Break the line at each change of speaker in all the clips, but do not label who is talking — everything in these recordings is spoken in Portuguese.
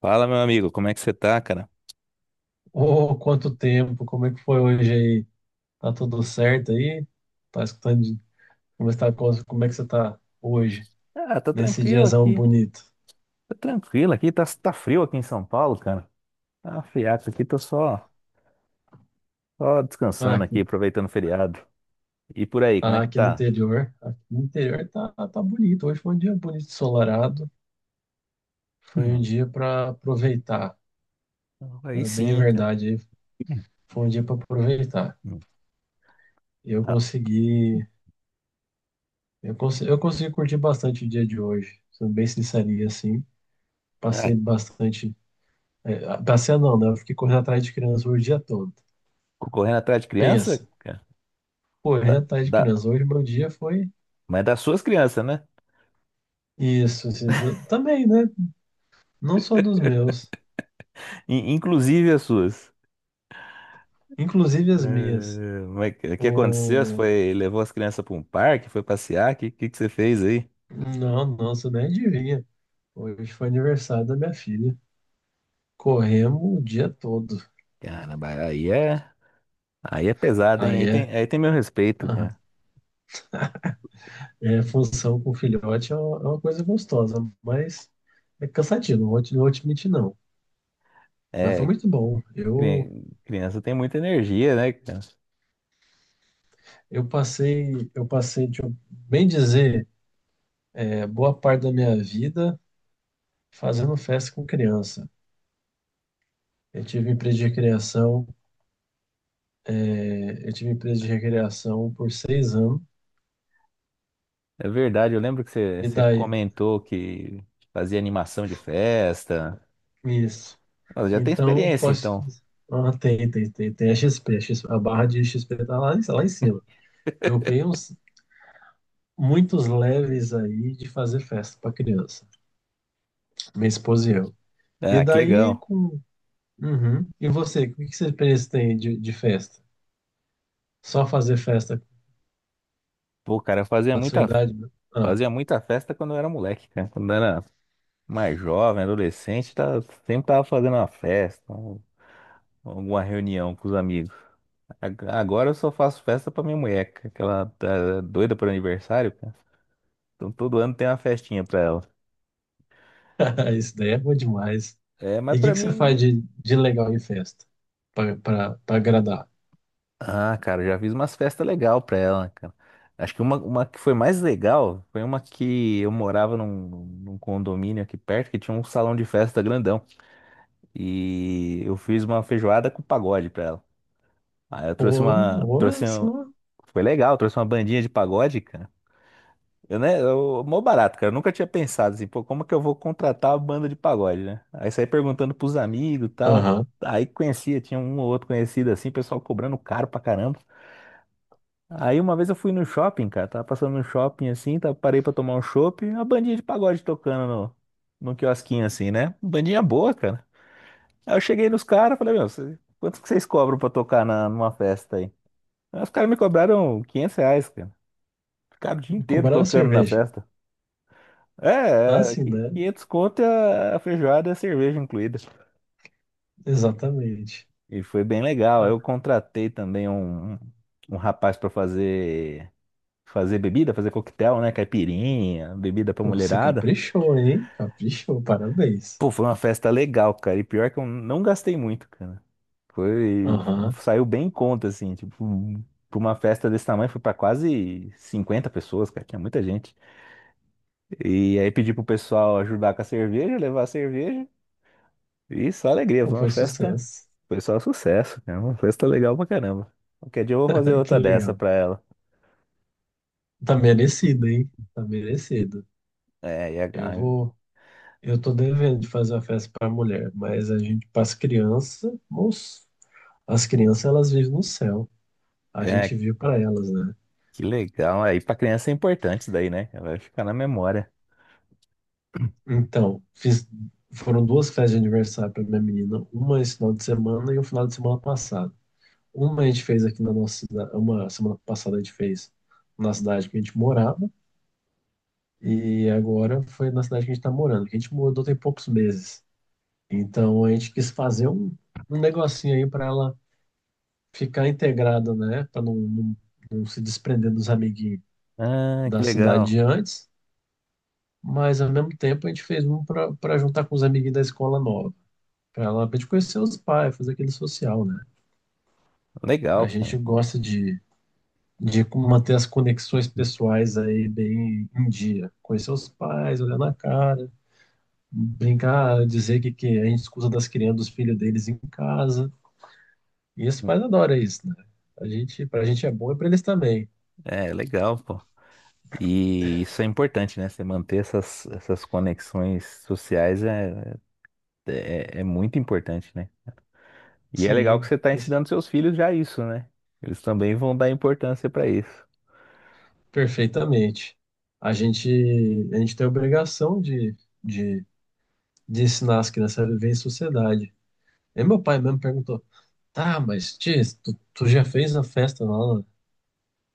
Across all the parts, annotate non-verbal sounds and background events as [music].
Fala, meu amigo, como é que você tá, cara?
Ô, quanto tempo, como é que foi hoje aí? Tá tudo certo aí? Tá escutando como está, como é que você tá hoje,
Ah, tô
nesse
tranquilo
diazão
aqui.
bonito?
Tô tranquilo aqui, tá, tá frio aqui em São Paulo, cara. Tá um friaco aqui, tô só
Ah,
descansando aqui,
aqui,
aproveitando o feriado. E por aí, como é
ah,
que tá?
aqui no interior tá bonito. Hoje foi um dia bonito, ensolarado. Foi um
Hum,
dia para aproveitar,
aí
tá bem
sim, cara.
verdade aí. Foi um dia para aproveitar.
Hum,
E Eu
tá.
consegui, eu consegui, eu consegui curtir bastante o dia de hoje, sendo bem sincerinho assim.
Ah,
Passei bastante, passei não, né? Eu fiquei correndo atrás de criança o dia todo.
correndo atrás de criança,
Pensa,
cara? Da,
correr atrás de
da-
criança. Hoje meu dia foi
mas é das suas crianças, né?
isso, assim, também, né? Não só dos meus,
[laughs] Inclusive as suas.
inclusive as minhas.
Mas o que aconteceu? Você
O...
foi, levou as crianças pra um parque, foi passear? O que você fez aí?
Não, nossa, nem adivinha. Hoje foi aniversário da minha filha. Corremos o dia todo.
Caramba, aí é. Aí é pesado, hein?
Aí
Aí tem,
é,
aí tem meu respeito,
aham.
cara.
É função com filhote é uma, coisa gostosa, mas é cansativo, não vou te mentir, não. Mas foi
É,
muito bom.
cri- criança tem muita energia, né, cara?
Eu passei, deixa eu bem dizer, boa parte da minha vida fazendo festa com criança. Eu tive empresa de recreação, eu tive empresa de recreação por 6 anos,
É verdade, eu lembro que você,
e
você
daí,
comentou que fazia animação de festa.
isso.
Nossa, já tem
Então,
experiência, então.
ah, tem a XP, a barra de XP tá lá, lá em cima. Eu tenho muitos leves aí de fazer festa para criança, minha esposa e eu. E
Ah, que
daí,
legal.
com. Uhum. E você, o que que você pensa tem de festa? Só fazer festa
Pô, cara, eu fazia
na sua
muita,
idade, né? Ah,
fazia muita festa quando eu era moleque, cara. Quando eu era mais jovem, adolescente, tá, sempre tava fazendo uma festa, alguma reunião com os amigos. Agora eu só faço festa pra minha mulher, cara, que ela tá doida por aniversário, cara. Então todo ano tem uma festinha pra ela.
[laughs] isso daí é bom demais.
É,
E
mas
o que,
pra
que você faz
mim.
de legal em festa? Pra agradar?
Ah, cara, já fiz umas festas legal pra ela, cara. Acho que uma que foi mais legal foi uma que eu morava num condomínio aqui perto que tinha um salão de festa grandão. E eu fiz uma feijoada com pagode pra ela. Aí eu trouxe
Porra,
uma.
olha só.
Foi legal, trouxe uma bandinha de pagode, cara. Eu, né, eu, mó barato, cara. Eu nunca tinha pensado assim, pô, como que eu vou contratar uma banda de pagode, né? Aí saí perguntando pros amigos e tal.
Aham.
Aí conhecia, tinha um ou outro conhecido assim, pessoal cobrando caro pra caramba. Aí uma vez eu fui no shopping, cara, tava passando no shopping assim, tava, parei pra tomar um chopp, a bandinha de pagode tocando no quiosquinho assim, né? Bandinha boa, cara. Aí eu cheguei nos caras, falei, meu, quanto que vocês cobram pra tocar numa festa aí? Aí os caras me cobraram 500 reais, cara. Ficaram o dia inteiro
Cobrar a
tocando na
cerveja.
festa.
Ah,
É, é,
sim, né?
500 conto e a feijoada e a cerveja incluída.
Exatamente.
E foi bem legal.
Ah,
Eu contratei também um rapaz para fazer bebida, fazer coquetel, né? Caipirinha, bebida pra
pô, você
mulherada.
caprichou, hein? Caprichou, parabéns.
Pô, foi uma festa legal, cara. E pior que eu não gastei muito, cara. Foi,
Aham.
saiu bem em conta, assim, tipo, pra uma festa desse tamanho foi pra quase 50 pessoas, cara, que é muita gente. E aí pedi pro pessoal ajudar com a cerveja, levar a cerveja. E só alegria,
Pô, foi sucesso.
Foi só sucesso, né? Uma festa legal pra caramba. Qualquer dia eu vou fazer
[laughs] Que
outra dessa
legal.
pra ela.
Tá merecido, hein? Tá merecido.
É, e
Eu vou. Eu tô devendo de fazer uma festa pra mulher, mas pras crianças, moço, as crianças elas vivem no céu. A gente
é,
vive pra elas, né?
que legal. Aí pra criança é importante isso daí, né? Ela vai ficar na memória. [clears throat]
Então, foram duas festas de aniversário para minha menina, uma esse final de semana e um final de semana passado. Uma a gente fez aqui na nossa cidade, uma semana passada a gente fez na cidade que a gente morava, e agora foi na cidade que a gente está morando, que a gente mudou tem poucos meses. Então a gente quis fazer um negocinho aí para ela ficar integrada, né? Para não se desprender dos amiguinhos
Ah, que
da cidade
legal.
de antes, mas ao mesmo tempo a gente fez um para juntar com os amiguinhos da escola nova. Pra gente conhecer os pais, fazer aquele social, né?
Legal,
A gente
cara.
gosta de manter as conexões pessoais aí bem em dia. Conhecer os pais, olhar na cara, brincar, dizer que a gente escuta das crianças, dos filhos deles em casa. E os pais adoram isso, né? A gente, pra gente é bom e pra eles também.
É, legal, pô. E isso é importante, né? Você manter essas conexões sociais é muito importante, né? E é legal que
Sim,
você está ensinando seus filhos já isso, né? Eles também vão dar importância para isso.
perfeitamente. A gente, a gente tem a obrigação de, de ensinar as crianças a viver em sociedade. E meu pai mesmo perguntou: Tá, mas tia, tu já fez a festa lá,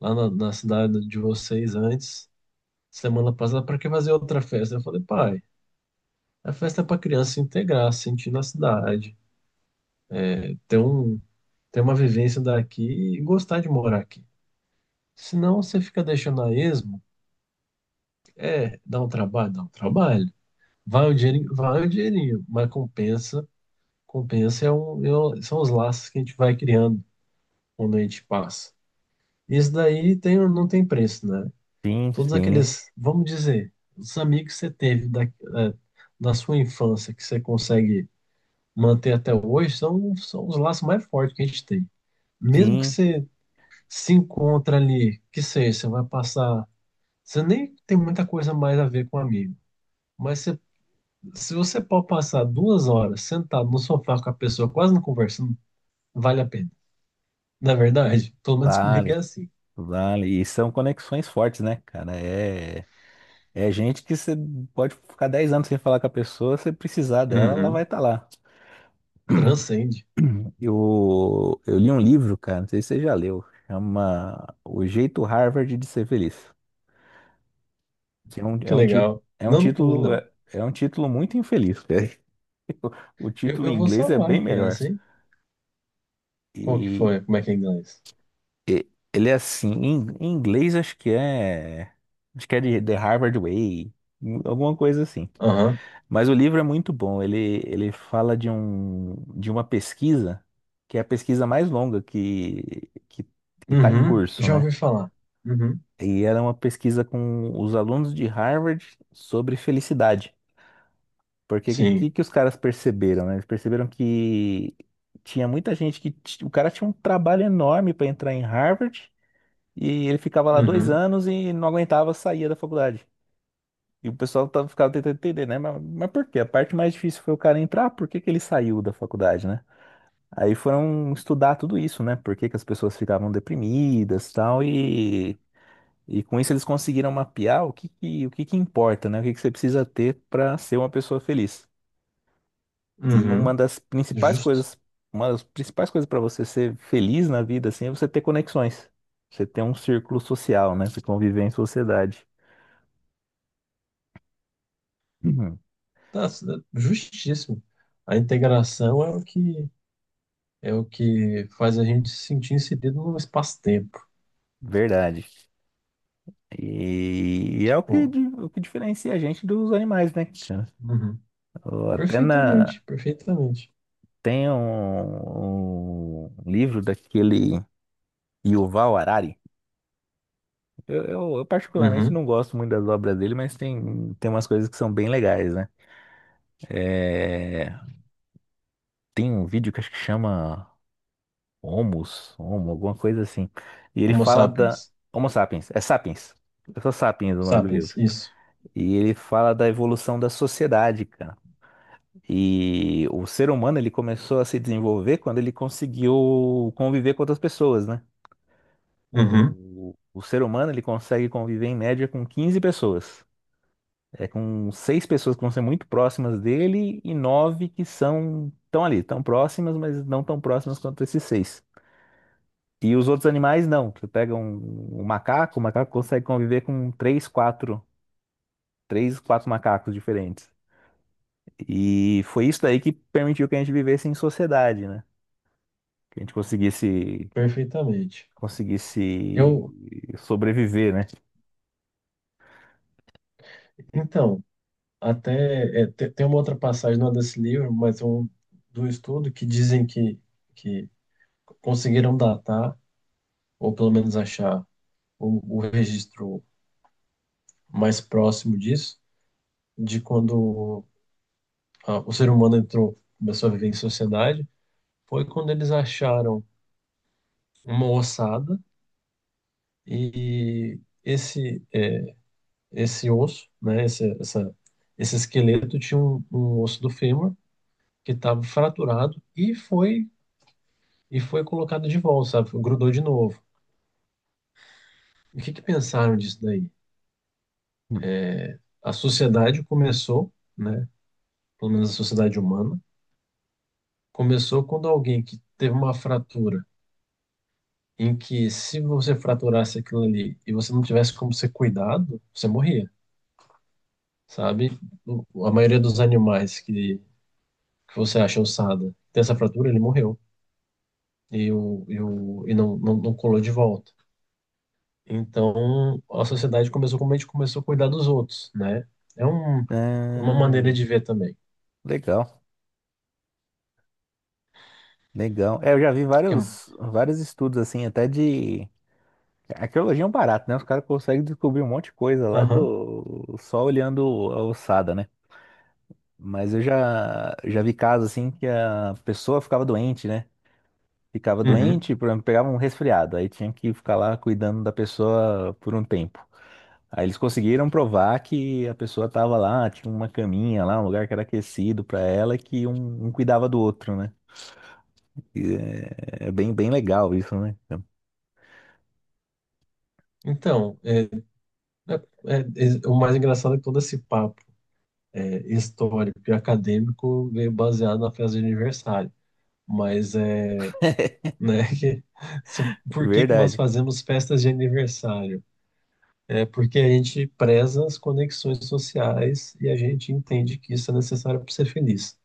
lá na cidade de vocês antes, semana passada, pra que fazer outra festa? Eu falei: Pai, a festa é pra criança se integrar, se sentir na cidade, ter um, ter uma vivência daqui e gostar de morar aqui. Senão você fica deixando a esmo, dá um trabalho, dá um trabalho. Vai o dinheirinho, mas compensa, compensa são os laços que a gente vai criando quando a gente passa. Isso daí não tem preço, né?
Sim,
Todos
sim,
aqueles, vamos dizer, os amigos que você teve da sua infância, que você consegue manter até hoje, são, são os laços mais fortes que a gente tem. Mesmo que
sim,
você se encontra ali, que seja, você vai passar. Você nem tem muita coisa mais a ver com um amigo. Mas você- Se você pode passar 2 horas sentado no sofá com a pessoa, quase não conversando, vale a pena. Na verdade, pelo menos comigo é
vale,
assim.
vale. E são conexões fortes, né, cara? É, é gente que você pode ficar 10 anos sem falar com a pessoa, se precisar dela, ela vai
Uhum.
estar lá.
Transcende.
[clears throat] Eu li um livro, cara, não sei se você já leu, chama O Jeito Harvard de Ser Feliz, que é
Que
um, ti-
legal.
é um
Não, não,
título,
não.
é, é um título muito infeliz, cara. [laughs] O
Eu,
título em
eu vou
inglês é
salvar
bem
aqui
melhor.
essa, hein? Qual que
E
foi? Como é que é em inglês?
Ele é assim, em inglês acho que é. Acho que é de The Harvard Way, alguma coisa assim.
Aham.
Mas o livro é muito bom. Ele fala de uma pesquisa, que é a pesquisa mais longa que está em
Uhum.
curso,
Já
né?
ouvi falar. Uhum.
E era uma pesquisa com os alunos de Harvard sobre felicidade. Porque o que, que,
Sim.
que os caras perceberam, né? Eles perceberam que tinha muita gente O cara tinha um trabalho enorme para entrar em Harvard. E ele ficava lá dois
Uhum.
anos e não aguentava, saía da faculdade. E o pessoal tava, ficava tentando entender, né? Mas por quê? A parte mais difícil foi o cara entrar, por que que ele saiu da faculdade, né? Aí foram estudar tudo isso, né? Por que que as pessoas ficavam deprimidas e tal, e com isso eles conseguiram mapear o que que importa, né? O que que você precisa ter para ser uma pessoa feliz. E uma
Uhum.
das principais
Justo.
coisas, uma das principais coisas para você ser feliz na vida, assim, é você ter conexões. Você ter um círculo social, né? Você conviver em sociedade. Uhum.
Tá, justíssimo. A integração é o que faz a gente se sentir inserido no espaço-tempo.
Verdade. E é o que,
Pô.
di- o que diferencia a gente dos animais, né, Cristiano?
Uhum.
Ou Até na,
Perfeitamente, perfeitamente.
tem um livro daquele Yuval Harari. Eu particularmente
Uhum.
não gosto muito das obras dele, mas tem umas coisas que são bem legais, né? É, tem um vídeo que acho que chama Homo, alguma coisa assim. E ele
Homo
fala da
sapiens.
Homo sapiens. É só sapiens é o nome do livro.
Sapiens, isso.
E ele fala da evolução da sociedade, cara. E o ser humano ele começou a se desenvolver quando ele conseguiu conviver com outras pessoas, né?
Uhum.
O ser humano ele consegue conviver em média com 15 pessoas. É com seis pessoas que vão ser muito próximas dele e nove que são tão ali, tão próximas, mas não tão próximas quanto esses seis. E os outros animais não. Você pega um macaco, o macaco consegue conviver com três, quatro macacos diferentes. E foi isso daí que permitiu que a gente vivesse em sociedade, né? Que a gente conseguisse,
Perfeitamente.
conseguisse
Eu,
sobreviver, né?
então, até tem uma outra passagem, não é desse livro, mas é um do estudo que dizem que conseguiram datar, ou pelo menos achar o registro mais próximo disso, de quando o ser humano entrou, começou a viver em sociedade, foi quando eles acharam uma ossada e esse osso, né, esse esqueleto tinha um osso do fêmur que estava fraturado e foi colocado de volta, sabe? Grudou de novo. O que que pensaram disso daí? A sociedade começou, né? Pelo menos a sociedade humana, começou quando alguém que teve uma fratura em que se você fraturasse aquilo ali e você não tivesse como ser cuidado, você morria, sabe? A maioria dos animais que você acha ossada tem essa fratura, ele morreu. E não colou de volta. Então, a sociedade começou como a gente começou a cuidar dos outros, né? É um É uma maneira
Ah,
de ver também.
legal, legal. É, eu já vi
Que é-
vários, vários estudos assim, até de a arqueologia é um barato, né? Os caras conseguem descobrir um monte de coisa lá
Aham,
do só olhando a ossada, né? Mas eu já vi casos assim que a pessoa ficava doente, né? Ficava
uhum.
doente, por exemplo, pegava um resfriado, aí tinha que ficar lá cuidando da pessoa por um tempo. Aí eles conseguiram provar que a pessoa tava lá, tinha uma caminha lá, um lugar que era aquecido para ela, e que um cuidava do outro, né? E é bem legal isso, né?
Então, é, né, o mais engraçado é que todo esse papo histórico e acadêmico veio baseado na festa de aniversário. Mas é,
[laughs]
né, [laughs] que, se- por que que nós
Verdade.
fazemos festas de aniversário? É porque a gente preza as conexões sociais e a gente entende que isso é necessário para ser feliz.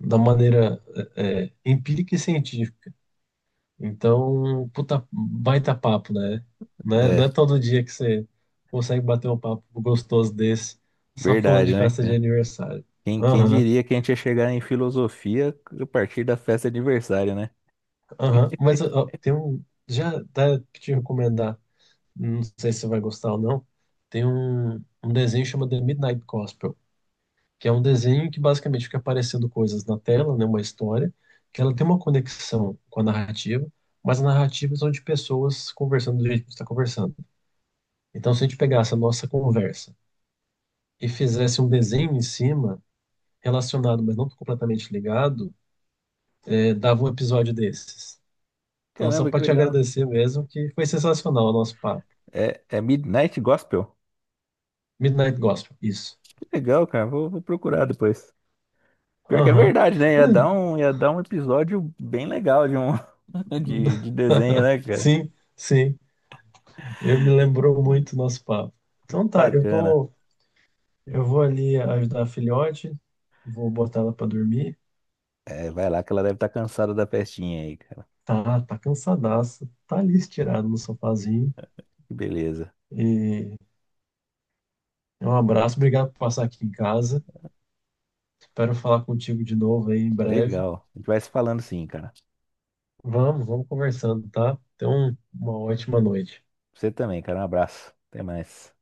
Da maneira é, empírica e científica. Então, puta, baita papo, né? Não é, não
É,
é todo dia que você consegue bater um papo gostoso desse, só falando
verdade,
de
né?
festa de
Cara?
aniversário.
Quem
Aham,
diria que a gente ia chegar em filosofia a partir da festa de aniversário, né?
aham. Mas ó, ó, tem um. Já dá pra te recomendar, não sei se você vai gostar ou não. Tem um desenho chamado The Midnight Gospel, que é um desenho que basicamente fica aparecendo coisas na tela, né? Uma história, que ela tem uma conexão com a narrativa, mas a narrativa são de pessoas conversando do jeito que você está conversando. Então, se a gente pegasse a nossa conversa e fizesse um desenho em cima, relacionado, mas não completamente ligado, dava um episódio desses. Então, só
Caramba,
para
que
te
legal.
agradecer mesmo, que foi sensacional o nosso papo.
É Midnight Gospel?
Midnight Gospel, isso.
Que legal, cara. Vou procurar depois. Pior que é
Aham. [laughs]
verdade, né? Ia dar um episódio bem legal de um [laughs]
Eh,
de desenho, né, cara?
Sim, sim. Eu me lembrou muito o nosso papo. Então tá,
Bacana.
eu vou ali ajudar a filhote, vou botar ela para dormir.
É, vai lá que ela deve estar cansada da festinha aí, cara.
Tá, tá cansadaça, tá ali estirada no sofazinho.
Que beleza.
E é um abraço, obrigado por passar aqui em casa. Espero falar contigo de novo aí em breve.
Legal. A gente vai se falando sim, cara.
Vamos, vamos conversando, tá? Então, uma ótima noite.
Você também, cara. Um abraço. Até mais.